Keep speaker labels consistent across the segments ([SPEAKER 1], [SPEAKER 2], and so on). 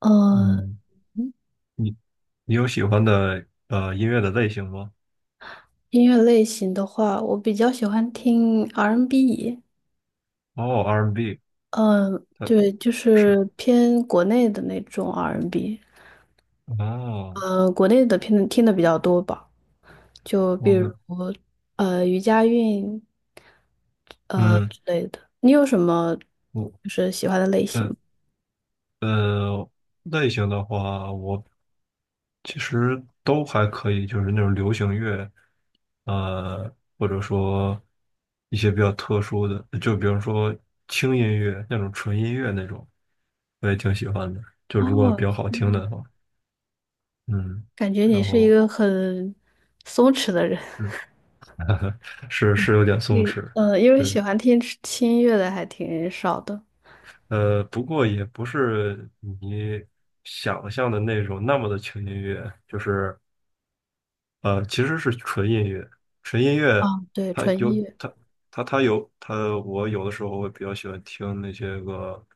[SPEAKER 1] 呃，
[SPEAKER 2] 嗯，你你有喜欢的音乐的类型吗？
[SPEAKER 1] 音乐类型的话，我比较喜欢听 R&B，n
[SPEAKER 2] 哦，R&B，
[SPEAKER 1] 嗯、
[SPEAKER 2] 它
[SPEAKER 1] 对，就
[SPEAKER 2] 是
[SPEAKER 1] 是偏国内的那种 R&B，n
[SPEAKER 2] 哦，
[SPEAKER 1] 国内的偏听的比较多吧，就比
[SPEAKER 2] 我的
[SPEAKER 1] 如余佳运
[SPEAKER 2] 嗯，
[SPEAKER 1] 之类的。你有什么
[SPEAKER 2] 我
[SPEAKER 1] 就是喜欢的类型
[SPEAKER 2] 呃
[SPEAKER 1] 吗？
[SPEAKER 2] 呃类型的话，我其实都还可以，就是那种流行乐，呃，或者说一些比较特殊的，就比如说轻音乐那种纯音乐那种，我也挺喜欢的，就如果
[SPEAKER 1] 哦，
[SPEAKER 2] 比较好听
[SPEAKER 1] 嗯
[SPEAKER 2] 的话。嗯，
[SPEAKER 1] 感觉你
[SPEAKER 2] 然
[SPEAKER 1] 是一
[SPEAKER 2] 后。
[SPEAKER 1] 个很松弛的人。
[SPEAKER 2] 嗯。是有点 松
[SPEAKER 1] 你
[SPEAKER 2] 弛。
[SPEAKER 1] 因为
[SPEAKER 2] 对，
[SPEAKER 1] 喜欢听轻音乐的还挺少的。
[SPEAKER 2] 不过也不是你想象的那种那么的轻音乐，就是其实是纯音乐，纯音
[SPEAKER 1] 啊，
[SPEAKER 2] 乐
[SPEAKER 1] 对，
[SPEAKER 2] 它
[SPEAKER 1] 纯
[SPEAKER 2] 有
[SPEAKER 1] 音乐。
[SPEAKER 2] 它它有它，我有的时候会比较喜欢听那些个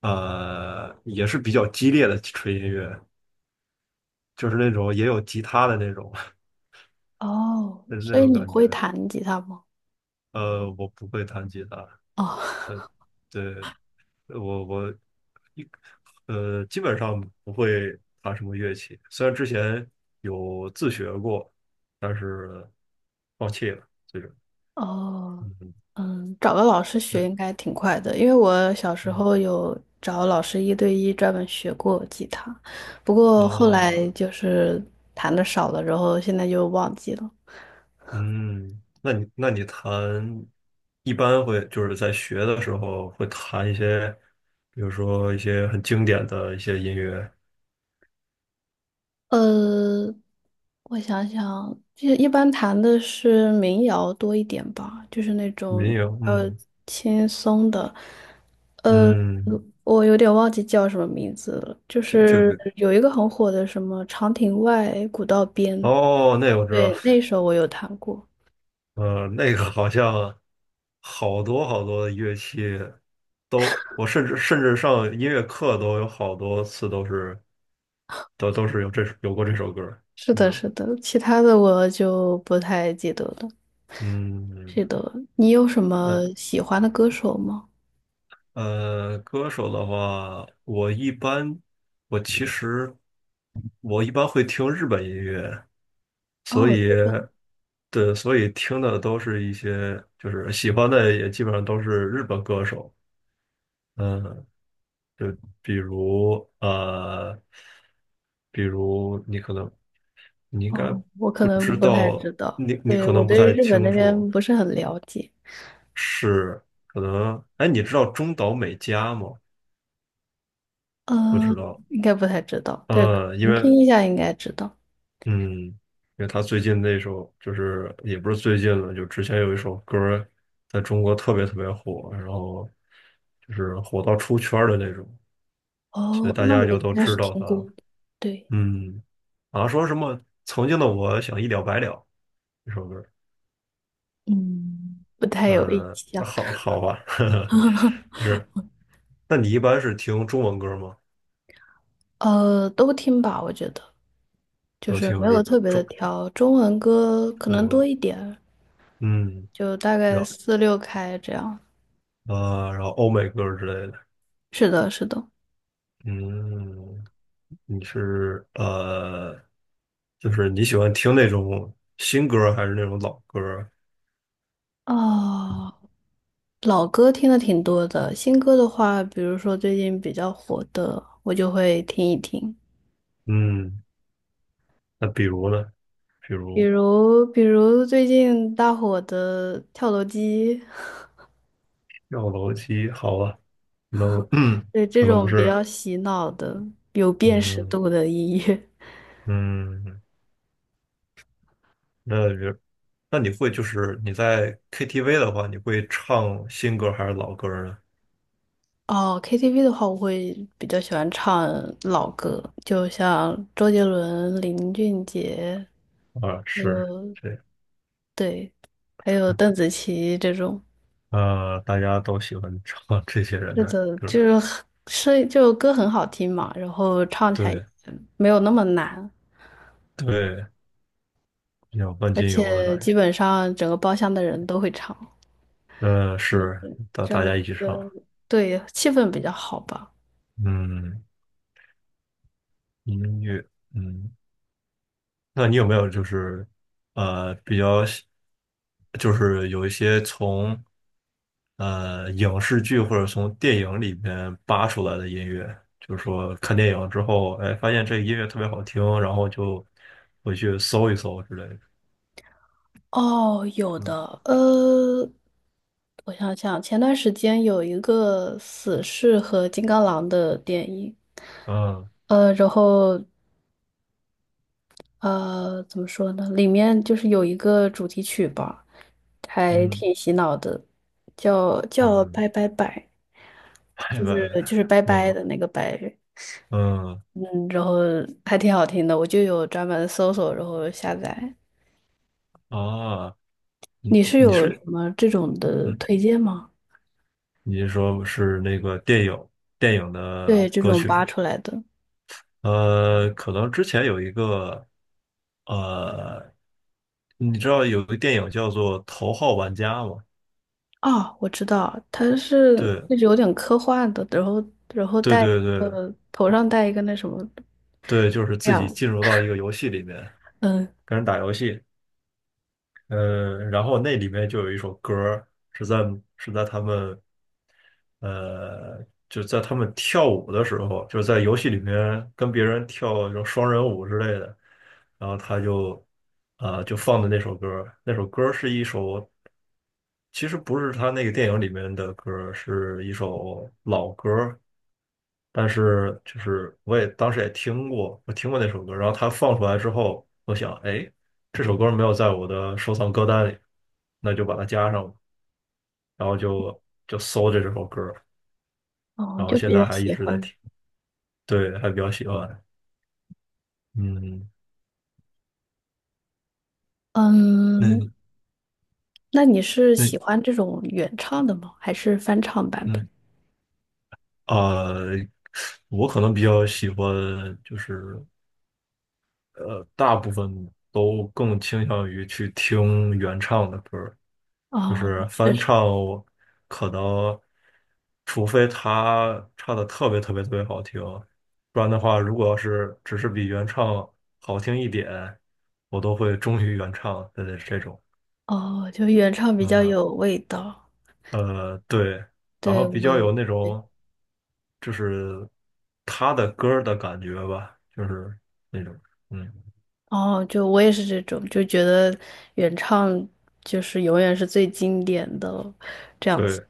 [SPEAKER 2] 也是比较激烈的纯音乐，就是那种也有吉他的那种。
[SPEAKER 1] 哦，
[SPEAKER 2] 就是那
[SPEAKER 1] 所以
[SPEAKER 2] 种
[SPEAKER 1] 你
[SPEAKER 2] 感
[SPEAKER 1] 会
[SPEAKER 2] 觉。
[SPEAKER 1] 弹吉他吗？
[SPEAKER 2] 我不会弹吉他。
[SPEAKER 1] 哦
[SPEAKER 2] 对，我一基本上不会弹什么乐器，虽然之前有自学过，但是放弃了。这个，
[SPEAKER 1] 哦，
[SPEAKER 2] 嗯。
[SPEAKER 1] 嗯，找个老师学应
[SPEAKER 2] 那，
[SPEAKER 1] 该挺快的，因为我小时
[SPEAKER 2] 嗯
[SPEAKER 1] 候有找老师一对一专门学过吉他，不过后
[SPEAKER 2] 啊，
[SPEAKER 1] 来就是弹的少了，然后现在就忘记了。
[SPEAKER 2] 嗯，那你一般会就是在学的时候会弹一些，比如说一些很经典的一些音乐
[SPEAKER 1] 呃，我想想，就一般弹的是民谣多一点吧，就是那
[SPEAKER 2] 民
[SPEAKER 1] 种
[SPEAKER 2] 谣。
[SPEAKER 1] 呃
[SPEAKER 2] 嗯
[SPEAKER 1] 轻松的。呃，
[SPEAKER 2] 嗯，
[SPEAKER 1] 我有点忘记叫什么名字了，就
[SPEAKER 2] 这这
[SPEAKER 1] 是
[SPEAKER 2] 个
[SPEAKER 1] 有一个很火的什么《长亭外，古道边》，
[SPEAKER 2] 哦，那我知道。
[SPEAKER 1] 对，那首我有弹过。
[SPEAKER 2] 那个好像好多好多的乐器都，我甚至上音乐课都有好多次都是有有过这首歌儿。
[SPEAKER 1] 是
[SPEAKER 2] 嗯
[SPEAKER 1] 的，是的，其他的我就不太记得了。
[SPEAKER 2] 嗯。
[SPEAKER 1] 记得，你有什么
[SPEAKER 2] 那
[SPEAKER 1] 喜欢的歌手吗？
[SPEAKER 2] 歌手的话，我其实我一般会听日本音乐。
[SPEAKER 1] 哦，日本。
[SPEAKER 2] 对，所以听的都是一些就是喜欢的也基本上都是日本歌手。嗯，就比如比如你可能你应该
[SPEAKER 1] 哦，我可
[SPEAKER 2] 不知
[SPEAKER 1] 能不太知
[SPEAKER 2] 道，
[SPEAKER 1] 道，
[SPEAKER 2] 你
[SPEAKER 1] 对，
[SPEAKER 2] 可
[SPEAKER 1] 我
[SPEAKER 2] 能不
[SPEAKER 1] 对
[SPEAKER 2] 太
[SPEAKER 1] 日本那
[SPEAKER 2] 清楚，
[SPEAKER 1] 边不是很了解。
[SPEAKER 2] 是可能，哎，你知道中岛美嘉吗？不
[SPEAKER 1] 呃，
[SPEAKER 2] 知道。
[SPEAKER 1] 应该不太知道，对，可
[SPEAKER 2] 呃，因
[SPEAKER 1] 能
[SPEAKER 2] 为
[SPEAKER 1] 听一下应该知道。
[SPEAKER 2] 嗯，因为他最近那首就是也不是最近了，就之前有一首歌儿在中国特别特别火，然后就是火到出圈儿的那种，所以
[SPEAKER 1] 哦，
[SPEAKER 2] 大
[SPEAKER 1] 那
[SPEAKER 2] 家
[SPEAKER 1] 我
[SPEAKER 2] 就
[SPEAKER 1] 应
[SPEAKER 2] 都
[SPEAKER 1] 该是
[SPEAKER 2] 知道
[SPEAKER 1] 听
[SPEAKER 2] 他
[SPEAKER 1] 过
[SPEAKER 2] 了。
[SPEAKER 1] 的。对，
[SPEAKER 2] 嗯，好像说什么曾经的我想一了百了这首歌。
[SPEAKER 1] 嗯，不太有印
[SPEAKER 2] 嗯，
[SPEAKER 1] 象。
[SPEAKER 2] 好吧，呵呵。是。那你一般是听中文歌吗？
[SPEAKER 1] 都听吧，我觉得就
[SPEAKER 2] 都
[SPEAKER 1] 是
[SPEAKER 2] 听，
[SPEAKER 1] 没有特别的
[SPEAKER 2] 中
[SPEAKER 1] 挑，中文歌可
[SPEAKER 2] 中
[SPEAKER 1] 能多
[SPEAKER 2] 文。
[SPEAKER 1] 一点儿，
[SPEAKER 2] 嗯，
[SPEAKER 1] 就大
[SPEAKER 2] 然
[SPEAKER 1] 概
[SPEAKER 2] 后
[SPEAKER 1] 四六开这样。
[SPEAKER 2] 然后欧美歌之类的。
[SPEAKER 1] 是的，是的。
[SPEAKER 2] 嗯，你是呃，就是你喜欢听那种新歌还是那种老歌？
[SPEAKER 1] 哦，老歌听的挺多的，新歌的话，比如说最近比较火的，我就会听一听。
[SPEAKER 2] 嗯，那比如呢？比
[SPEAKER 1] 比
[SPEAKER 2] 如
[SPEAKER 1] 如，比如最近大火的《跳楼机》。
[SPEAKER 2] 跳楼机。好啊，no，
[SPEAKER 1] 对这
[SPEAKER 2] 可能不
[SPEAKER 1] 种比
[SPEAKER 2] 是。
[SPEAKER 1] 较洗脑的、有辨识
[SPEAKER 2] 嗯。
[SPEAKER 1] 度的音乐。
[SPEAKER 2] 嗯，那也那你会就是你在 KTV 的话，你会唱新歌还是老歌呢？
[SPEAKER 1] 哦，KTV 的话，我会比较喜欢唱老歌，就像周杰伦、林俊杰，
[SPEAKER 2] 啊，
[SPEAKER 1] 还有
[SPEAKER 2] 这
[SPEAKER 1] 对，还有邓紫棋这种。
[SPEAKER 2] 大家都喜欢唱 这些人
[SPEAKER 1] 是
[SPEAKER 2] 的
[SPEAKER 1] 的，
[SPEAKER 2] 歌。
[SPEAKER 1] 就是声是就歌很好听嘛，然后唱起来也
[SPEAKER 2] 对
[SPEAKER 1] 没有那么难，
[SPEAKER 2] 对，比较万
[SPEAKER 1] 而
[SPEAKER 2] 金油的感
[SPEAKER 1] 且基
[SPEAKER 2] 觉。
[SPEAKER 1] 本上整个包厢的人都会唱，
[SPEAKER 2] 是
[SPEAKER 1] 嗯，
[SPEAKER 2] 大
[SPEAKER 1] 这
[SPEAKER 2] 大
[SPEAKER 1] 样
[SPEAKER 2] 家一起唱。
[SPEAKER 1] 就对气氛比较好吧。
[SPEAKER 2] 嗯，音乐。嗯，那你有没有就是比较喜。就是有一些从影视剧或者从电影里面扒出来的音乐，就是说看电影之后，哎，发现这个音乐特别好听，然后就回去搜一搜之类的。
[SPEAKER 1] 哦，有
[SPEAKER 2] 嗯
[SPEAKER 1] 的。我想想，前段时间有一个死侍和金刚狼的电影，
[SPEAKER 2] 嗯
[SPEAKER 1] 然后怎么说呢？里面就是有一个主题曲吧，还
[SPEAKER 2] 嗯
[SPEAKER 1] 挺洗脑的，叫
[SPEAKER 2] 嗯，
[SPEAKER 1] 拜拜拜，
[SPEAKER 2] 拜
[SPEAKER 1] 就
[SPEAKER 2] 拜
[SPEAKER 1] 是就
[SPEAKER 2] 拜。
[SPEAKER 1] 是拜拜
[SPEAKER 2] 嗯
[SPEAKER 1] 的那个拜，
[SPEAKER 2] 嗯。
[SPEAKER 1] 嗯，然后还挺好听的，我就有专门搜索，然后下载。
[SPEAKER 2] 啊，你
[SPEAKER 1] 你是
[SPEAKER 2] 你
[SPEAKER 1] 有什
[SPEAKER 2] 是
[SPEAKER 1] 么这种的
[SPEAKER 2] 嗯，
[SPEAKER 1] 推荐吗？
[SPEAKER 2] 你是说是电影的
[SPEAKER 1] 对，这
[SPEAKER 2] 歌
[SPEAKER 1] 种
[SPEAKER 2] 曲
[SPEAKER 1] 扒
[SPEAKER 2] 吗？
[SPEAKER 1] 出来的。
[SPEAKER 2] 可能之前有一个呃，你知道有个电影叫做《头号玩家》吗？
[SPEAKER 1] 哦，我知道，它是
[SPEAKER 2] 对，
[SPEAKER 1] 那种有点科幻的，然后
[SPEAKER 2] 对
[SPEAKER 1] 戴一
[SPEAKER 2] 对对
[SPEAKER 1] 个头上戴一个那什么
[SPEAKER 2] 对，就是自己
[SPEAKER 1] 亮。
[SPEAKER 2] 进入到一个游戏里面
[SPEAKER 1] 嗯。
[SPEAKER 2] 跟人打游戏。然后那里面就有一首歌儿，是在是在他们呃就在他们跳舞的时候，就是在游戏里面跟别人跳这种双人舞之类的，然后他就就放的那首歌儿。是一首。其实不是他那个电影里面的歌儿，是一首老歌儿，但是我也当时也听过，我听过那首歌。然后他放出来之后，我想，哎，这首歌没有在我的收藏歌单里，那就把它加上吧，然后就搜着这首歌儿。
[SPEAKER 1] 哦，
[SPEAKER 2] 然后
[SPEAKER 1] 就
[SPEAKER 2] 现
[SPEAKER 1] 比较
[SPEAKER 2] 在还一
[SPEAKER 1] 喜
[SPEAKER 2] 直在
[SPEAKER 1] 欢。
[SPEAKER 2] 听。对，还比较喜欢。嗯，
[SPEAKER 1] 嗯，
[SPEAKER 2] 那
[SPEAKER 1] 那你是喜
[SPEAKER 2] 那
[SPEAKER 1] 欢这种原唱的吗？还是翻唱版
[SPEAKER 2] 那
[SPEAKER 1] 本？
[SPEAKER 2] 呃，我可能比较喜欢，就是大部分都更倾向于去听原唱的歌儿。就
[SPEAKER 1] 哦，
[SPEAKER 2] 是
[SPEAKER 1] 确
[SPEAKER 2] 翻
[SPEAKER 1] 实。
[SPEAKER 2] 唱，可能除非他唱的特别特别特别好听，不然的话，如果要是只是比原唱好听一点，我都会忠于原唱的这种。
[SPEAKER 1] 哦，就原唱比较
[SPEAKER 2] 呃
[SPEAKER 1] 有味道。
[SPEAKER 2] 对，然后
[SPEAKER 1] 对，
[SPEAKER 2] 比较
[SPEAKER 1] 我，
[SPEAKER 2] 有那
[SPEAKER 1] 对。
[SPEAKER 2] 种，就是他的歌儿的感觉吧，就是那种。嗯，
[SPEAKER 1] 哦，就我也是这种，就觉得原唱就是永远是最经典的。
[SPEAKER 2] 对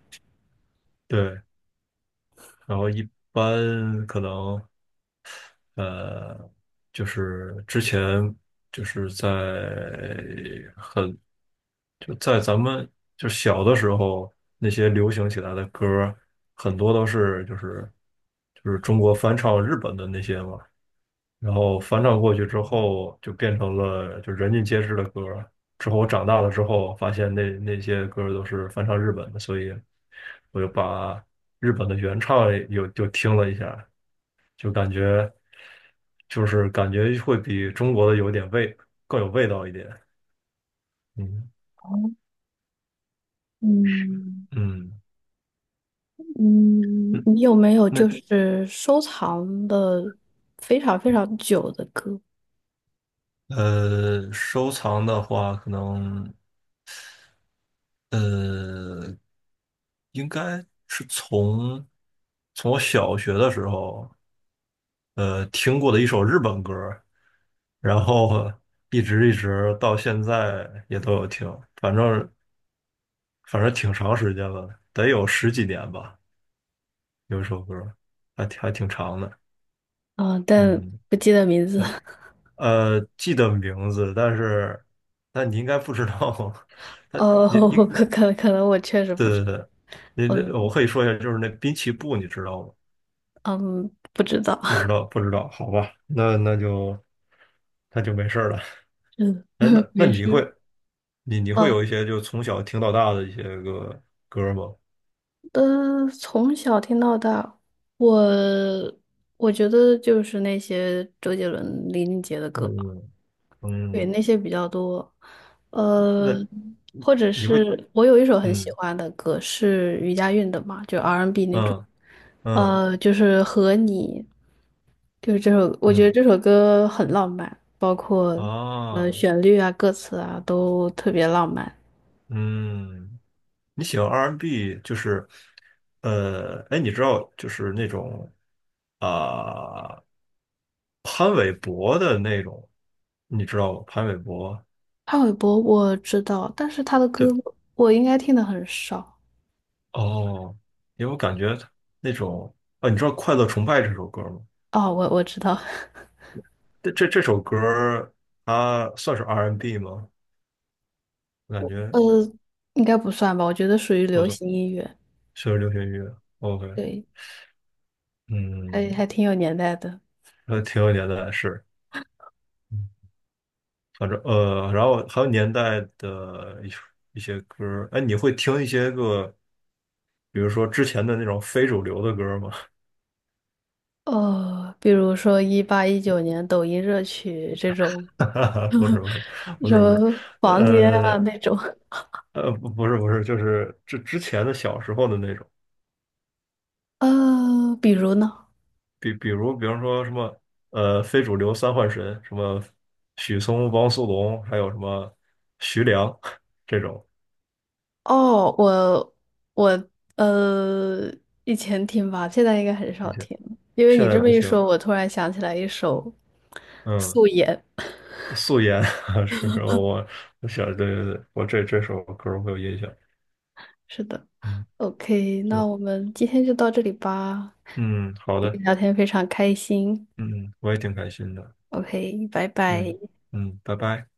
[SPEAKER 2] 对。然后一般可能呃，就是之前，就是在很，就在咱们就小的时候，那些流行起来的歌儿很多都是就是中国翻唱日本的那些嘛，然后翻唱过去之后，就变成了就人尽皆知的歌儿。之后我长大了之后，发现那些歌儿都是翻唱日本的，所以我就把日本的原唱又听了一下，就感觉感觉会比中国的有点味，更有味道一点。嗯
[SPEAKER 1] 嗯
[SPEAKER 2] 嗯
[SPEAKER 1] 嗯，
[SPEAKER 2] 嗯，
[SPEAKER 1] 你有没有
[SPEAKER 2] 那
[SPEAKER 1] 就是收藏的非常非常久的歌？
[SPEAKER 2] 收藏的话，可能呃，应该是从我小学的时候。听过的一首日本歌，然后一直到现在也都有听。反正反正挺长时间了，得有十几年吧。有一首歌，还挺长的。
[SPEAKER 1] 啊、但
[SPEAKER 2] 嗯。
[SPEAKER 1] 不记得名字。
[SPEAKER 2] 对。记得名字，但是你应该不知道。他，
[SPEAKER 1] 哦，
[SPEAKER 2] 你，
[SPEAKER 1] 可能我确实不
[SPEAKER 2] 对
[SPEAKER 1] 知
[SPEAKER 2] 对
[SPEAKER 1] 道。
[SPEAKER 2] 对，
[SPEAKER 1] 嗯。
[SPEAKER 2] 我可以说一下，就是那滨崎步，你知道吗？
[SPEAKER 1] 嗯，不知道。
[SPEAKER 2] 不知 道，不知道，好吧，那就没事儿了。
[SPEAKER 1] 嗯。
[SPEAKER 2] 哎，那
[SPEAKER 1] 没
[SPEAKER 2] 你会，
[SPEAKER 1] 事。
[SPEAKER 2] 你会
[SPEAKER 1] 啊，
[SPEAKER 2] 有一些就从小听到大的一些个歌儿吗？
[SPEAKER 1] 从小听到大，我我觉得就是那些周杰伦、林俊杰的歌吧，
[SPEAKER 2] 嗯
[SPEAKER 1] 对，
[SPEAKER 2] 嗯，
[SPEAKER 1] 那些比较多。呃，
[SPEAKER 2] 那
[SPEAKER 1] 或者
[SPEAKER 2] 你会，
[SPEAKER 1] 是我有一首很喜
[SPEAKER 2] 嗯
[SPEAKER 1] 欢的歌是余佳运的嘛，就 R&B n 那种。
[SPEAKER 2] 嗯嗯
[SPEAKER 1] 就是和你，就是这首，我觉得
[SPEAKER 2] 嗯
[SPEAKER 1] 这首歌很浪漫，包括
[SPEAKER 2] 啊。
[SPEAKER 1] 旋律啊、歌词啊都特别浪漫。
[SPEAKER 2] 嗯，你喜欢 R&B 就是。哎，你知道就是那种啊、潘玮柏的那种，你知道吗？潘玮柏，
[SPEAKER 1] 潘玮柏我知道，但是他的歌
[SPEAKER 2] 对。
[SPEAKER 1] 我应该听的很少。
[SPEAKER 2] 哦，因为我感觉那种，啊，你知道《快乐崇拜》这首歌吗？
[SPEAKER 1] 哦，我知道。
[SPEAKER 2] 这首歌儿它算是 R&B 吗？我感
[SPEAKER 1] 呃，
[SPEAKER 2] 觉
[SPEAKER 1] 应该不算吧，我觉得属于
[SPEAKER 2] 不
[SPEAKER 1] 流
[SPEAKER 2] 算，
[SPEAKER 1] 行音乐，
[SPEAKER 2] 确实流行乐。OK。
[SPEAKER 1] 对，还
[SPEAKER 2] 嗯。
[SPEAKER 1] 还挺有年代的。
[SPEAKER 2] 还挺有年代的，是。嗯，反正然后还有年代的一些歌儿。哎，你会听一些个，比如说之前的那种非主流的歌儿吗？
[SPEAKER 1] 比如说一八一九年抖音热曲这种。
[SPEAKER 2] 不是不是， 不
[SPEAKER 1] 什
[SPEAKER 2] 是不是，
[SPEAKER 1] 么房间啊
[SPEAKER 2] 呃
[SPEAKER 1] 那种。
[SPEAKER 2] 不是不是，就是之前的小时候的那种。
[SPEAKER 1] 比如呢？
[SPEAKER 2] 比如，比方说什么，非主流三幻神，什么许嵩、汪苏泷，还有什么徐良 这种。
[SPEAKER 1] 哦，我呃，以前听吧，现在应该很
[SPEAKER 2] 一
[SPEAKER 1] 少
[SPEAKER 2] 些
[SPEAKER 1] 听了因为
[SPEAKER 2] 现
[SPEAKER 1] 你
[SPEAKER 2] 在
[SPEAKER 1] 这么
[SPEAKER 2] 不
[SPEAKER 1] 一
[SPEAKER 2] 听
[SPEAKER 1] 说，
[SPEAKER 2] 了。
[SPEAKER 1] 我突然想起来一首
[SPEAKER 2] 嗯，
[SPEAKER 1] 《素颜》
[SPEAKER 2] 素颜。 是是，我想，对对对，我这首歌儿会有印象。
[SPEAKER 1] 是的
[SPEAKER 2] 嗯，
[SPEAKER 1] ，OK，
[SPEAKER 2] 对。
[SPEAKER 1] 那我们今天就到这里吧。
[SPEAKER 2] 嗯，好
[SPEAKER 1] 跟你
[SPEAKER 2] 的。
[SPEAKER 1] 聊天非常开心
[SPEAKER 2] 嗯，我也挺开心的。
[SPEAKER 1] ，OK，拜拜。
[SPEAKER 2] 嗯嗯，拜拜。